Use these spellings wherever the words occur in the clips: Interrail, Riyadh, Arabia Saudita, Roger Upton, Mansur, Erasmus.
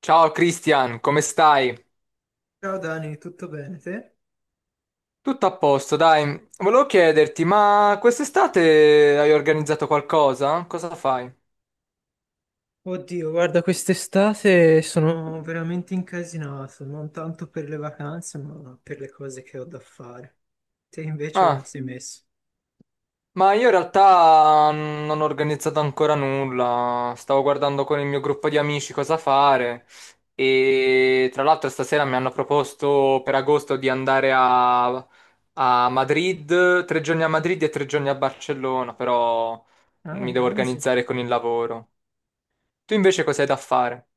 Ciao Christian, come stai? Ciao Dani, tutto bene te? Tutto a posto, dai. Volevo chiederti, ma quest'estate hai organizzato qualcosa? Cosa fai? Oddio, guarda, quest'estate sono veramente incasinato, non tanto per le vacanze, ma per le cose che ho da fare. Te invece come Ah, sei messo? ma io in realtà non ho organizzato ancora nulla. Stavo guardando con il mio gruppo di amici cosa fare. E tra l'altro stasera mi hanno proposto per agosto di andare a Madrid, tre giorni a Madrid e tre giorni a Barcellona, però Ah, mi devo ganzo. organizzare con il lavoro. Tu invece cosa hai da fare?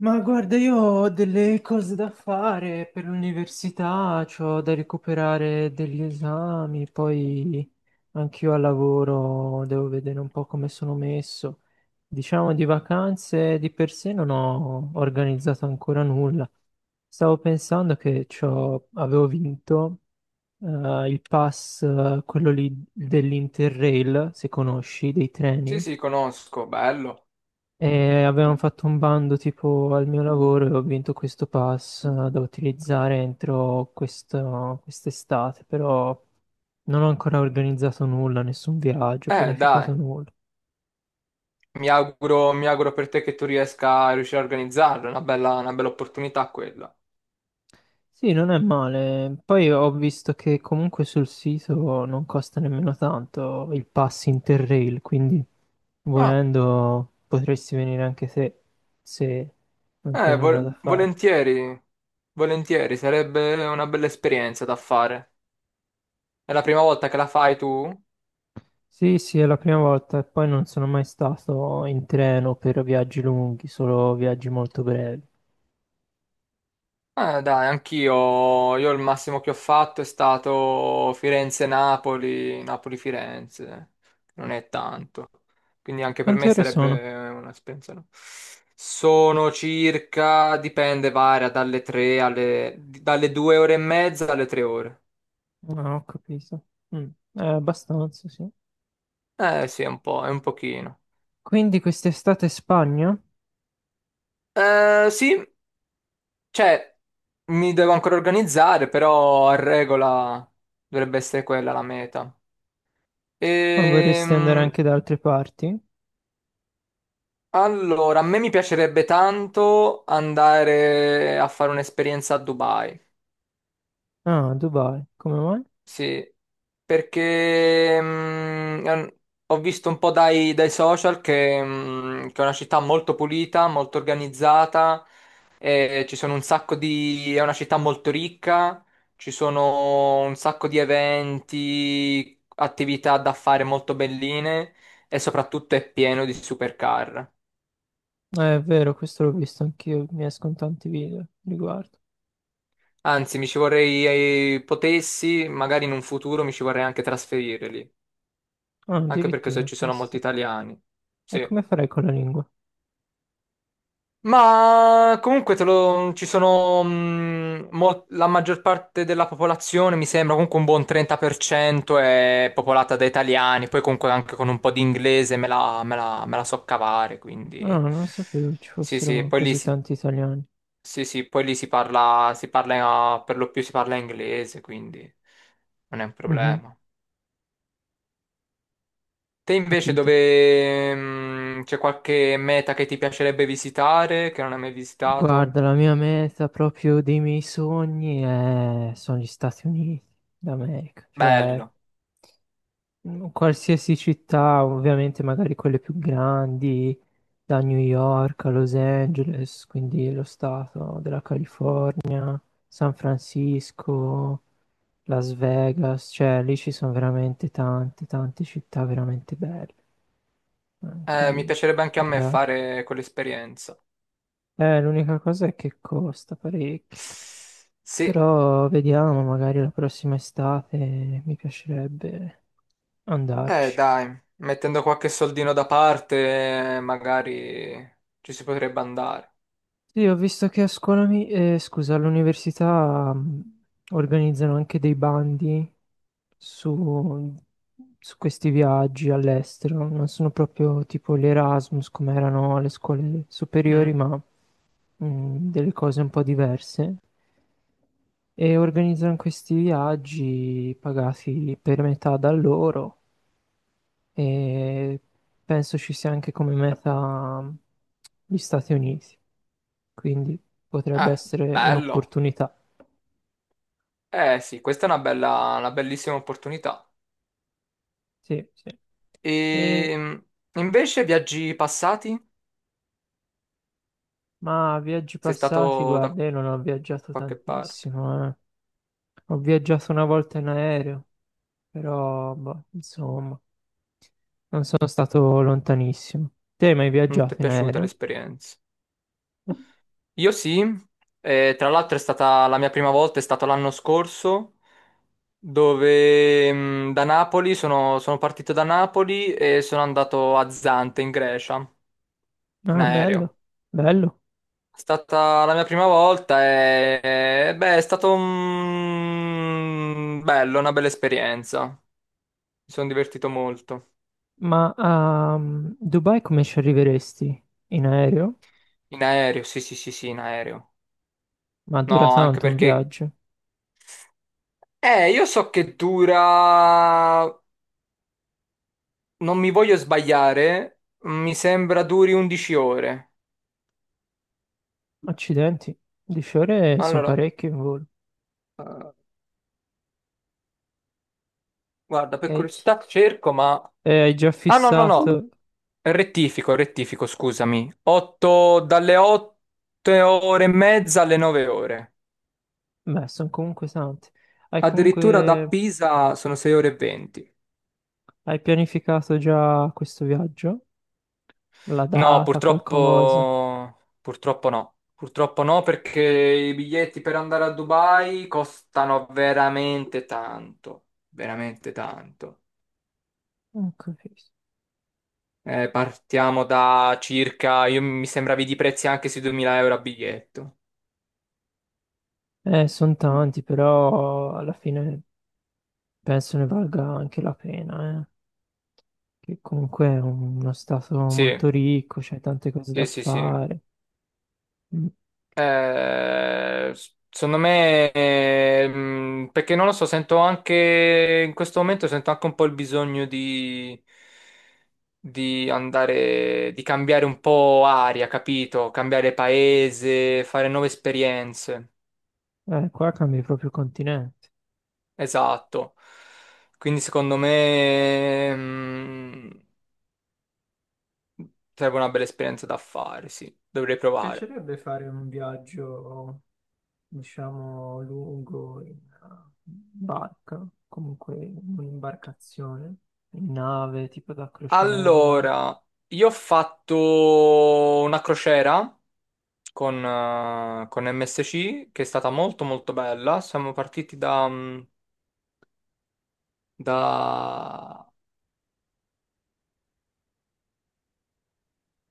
Ma guarda, io ho delle cose da fare per l'università, ho da recuperare degli esami, poi anch'io al lavoro devo vedere un po' come sono messo. Diciamo di vacanze di per sé non ho organizzato ancora nulla. Stavo pensando che avevo vinto il pass, quello lì dell'Interrail, se conosci, dei Sì, treni. sì, conosco, bello. E avevano fatto un bando tipo al mio lavoro e ho vinto questo pass da utilizzare entro quest'estate, però non ho ancora organizzato nulla, nessun viaggio, Dai, pianificato nulla. Mi auguro per te che tu riesca a riuscire a organizzarlo, è una bella opportunità quella. Sì, non è male. Poi ho visto che comunque sul sito non costa nemmeno tanto il pass Interrail, quindi Ah, volendo potresti venire anche te se non c'è nulla da fare. volentieri, volentieri, sarebbe una bella esperienza da fare. È la prima volta che la fai tu? Sì, sì, è la prima volta e poi non sono mai stato in treno per viaggi lunghi, solo viaggi molto brevi. Dai, anch'io, io il massimo che ho fatto è stato Firenze-Napoli, Napoli-Firenze, non è tanto, quindi anche per Quante me ore sono? sarebbe un'esperienza, no? Sono circa, dipende, varia dalle 3 dalle 2 ore e mezza alle 3 ore. Ah, ho capito. Mm, abbastanza, sì. Eh sì, è un po', è un pochino. Quindi quest'estate Spagna? Eh sì, cioè, mi devo ancora organizzare, però a regola dovrebbe essere quella la meta. Ma vorresti andare Ehm, anche da altre parti? Allora, a me mi piacerebbe tanto andare a fare un'esperienza a Dubai, Ah, Dubai, come mai? sì, perché ho visto un po' dai social che, che è una città molto pulita, molto organizzata, e ci sono un sacco di... è una città molto ricca, ci sono un sacco di eventi, attività da fare molto belline e soprattutto è pieno di supercar. È vero, questo l'ho visto anch'io, mi escono tanti video a riguardo. Anzi, mi ci vorrei, potessi, magari in un futuro mi ci vorrei anche trasferire lì, Ah, anche perché addirittura, ci sono penso. molti Sì. italiani. E Sì. come farei con la lingua? Ma comunque ci sono la maggior parte della popolazione, mi sembra, comunque un buon 30% è popolata da italiani, poi comunque anche con un po' di inglese me la so cavare, Ah, quindi non sapevo ci sì, sì, fossero così tanti italiani. sì, sì, poi lì si parla, per lo più si parla inglese, quindi non è un Mhm. problema. Te invece Capito. dove c'è qualche meta che ti piacerebbe visitare, che non hai mai visitato? Guarda, la mia meta proprio dei miei sogni sono gli Stati Uniti d'America, cioè Bello. Qualsiasi città, ovviamente magari quelle più grandi, da New York a Los Angeles, quindi lo stato della California, San Francisco, Las Vegas, cioè lì ci sono veramente tante, tante città veramente belle. Mi Qui piacerebbe anche a me andare. fare quell'esperienza. L'unica cosa è che costa parecchio. Sì, Però vediamo, magari la prossima estate mi piacerebbe andarci. dai, mettendo qualche soldino da parte, magari ci si potrebbe andare. Sì, ho visto che a scuola, scusa, all'università organizzano anche dei bandi su, su questi viaggi all'estero. Non sono proprio tipo gli Erasmus come erano alle scuole superiori, Mm. ma delle cose un po' diverse. E organizzano questi viaggi pagati per metà da loro, e penso ci sia anche come meta gli Stati Uniti, quindi potrebbe Eh, essere bello. un'opportunità. Eh sì, questa è una bella, una bellissima opportunità. Sì, sì. E- E invece viaggi passati? ma viaggi Sei passati, stato da guarda, io non ho viaggiato qualche parte? tantissimo, eh. Ho viaggiato una volta in aereo, però, boh, insomma, non sono stato lontanissimo. Te hai mai Non ti è viaggiato in piaciuta aereo? l'esperienza? Io sì, tra l'altro è stata la mia prima volta, è stato l'anno scorso, dove da Napoli sono partito da Napoli e sono andato a Zante in Grecia, in Ah, aereo. bello, bello. È stata la mia prima volta e beh, è stato un... bello, una bella esperienza. Mi sono divertito molto. Ma a Dubai come ci arriveresti? In aereo? In aereo, sì, sì, sì, sì, in aereo. Ma dura No, anche tanto un perché... viaggio. Io so che dura, non mi voglio sbagliare, mi sembra duri 11 ore. Accidenti, 10 ore sono Allora, parecchie in volo. eh, guarda, per E, curiosità cerco, ma... e hai già Ah, no, no, no, fissato... rettifico, rettifico, scusami. 8, dalle 8 ore e mezza alle 9 ore. Beh, sono comunque tante. Hai Addirittura da comunque... Pisa sono 6 ore e 20. Hai pianificato già questo viaggio? La No, data, qualcosa? purtroppo... Purtroppo no. Purtroppo no, perché i biglietti per andare a Dubai costano veramente tanto, veramente tanto. Non capisco. Partiamo da circa, io- mi sembravi di prezzi anche sui 2000 € a biglietto. Sono tanti, però alla fine penso ne valga anche la pena, eh. Che comunque è uno stato Sì, molto ricco, c'è tante cose da sì, sì, sì. fare. Mm. S- secondo me, perché non lo so, sento anche, in questo momento sento anche un po' il bisogno di andare, di cambiare un po' aria, capito? Cambiare paese, fare nuove esperienze. Qua cambi proprio continente. Esatto. Quindi secondo me... sarebbe una bella esperienza da fare, sì. Dovrei provare. Piacerebbe fare un viaggio, diciamo, lungo in barca, comunque in un'imbarcazione, in nave, tipo da crociera, Allora, io ho fatto una crociera con MSC che è stata molto molto bella. Siamo partiti da... da-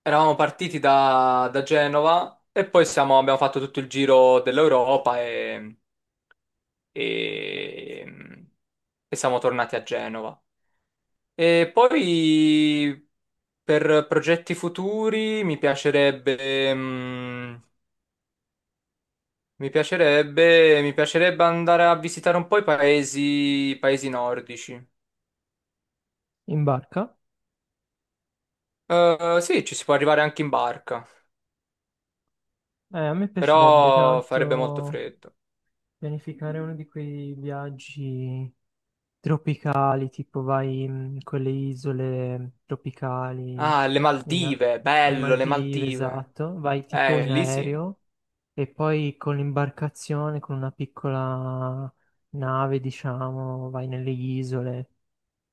eravamo partiti da Genova e poi abbiamo fatto tutto il giro dell'Europa e, mm, e siamo tornati a Genova. E poi per progetti futuri mi piacerebbe, mm, mi piacerebbe andare a visitare un po' i paesi nordici. in barca. Sì, ci si può arrivare anche in barca, A me piacerebbe però farebbe molto tanto freddo. pianificare uno di quei viaggi tropicali, tipo vai con le isole tropicali, Ah, le in a- Maldive, le bello, le Maldive, Maldive. esatto, vai tipo in Lì sì. aereo. E poi con l'imbarcazione, con una piccola nave, diciamo, vai nelle isole,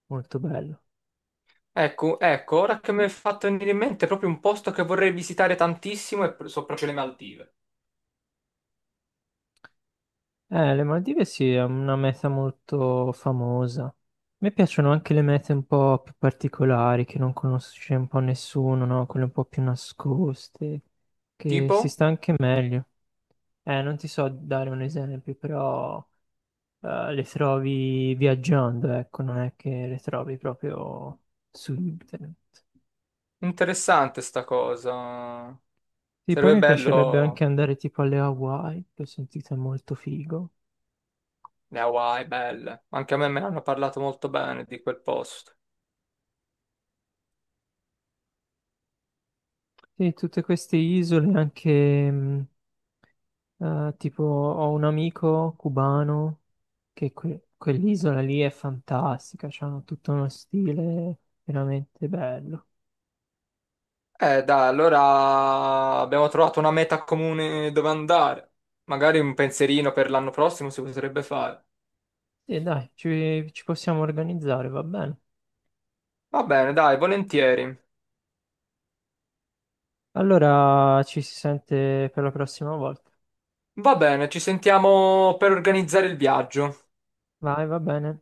molto bello. Ecco, ecco, ora che mi è fatto venire in mente è proprio un posto che vorrei visitare tantissimo e so proprio le Maldive. Le Maldive sì, è una meta molto famosa. A me piacciono anche le mete un po' più particolari, che non conosce un po' nessuno, no? Quelle un po' più nascoste, che si Tipo? sta anche meglio. Non ti so dare un esempio, però le trovi viaggiando, ecco, non è che le trovi proprio su internet. Interessante sta cosa. Sì, poi Sarebbe mi piacerebbe anche bello andare tipo alle Hawaii, che ho sentito è molto figo. le Hawaii, belle. Anche a me me ne hanno parlato molto bene di quel posto. Sì, tutte queste isole anche, tipo ho un amico cubano quell'isola lì è fantastica, hanno tutto uno stile veramente bello. Dai, allora abbiamo trovato una meta comune dove andare. Magari un pensierino per l'anno prossimo si potrebbe fare. E dai, ci possiamo organizzare, va bene. Va bene, dai, volentieri. Allora ci si sente per la prossima volta. Va bene, ci sentiamo per organizzare il viaggio. Vai, va bene.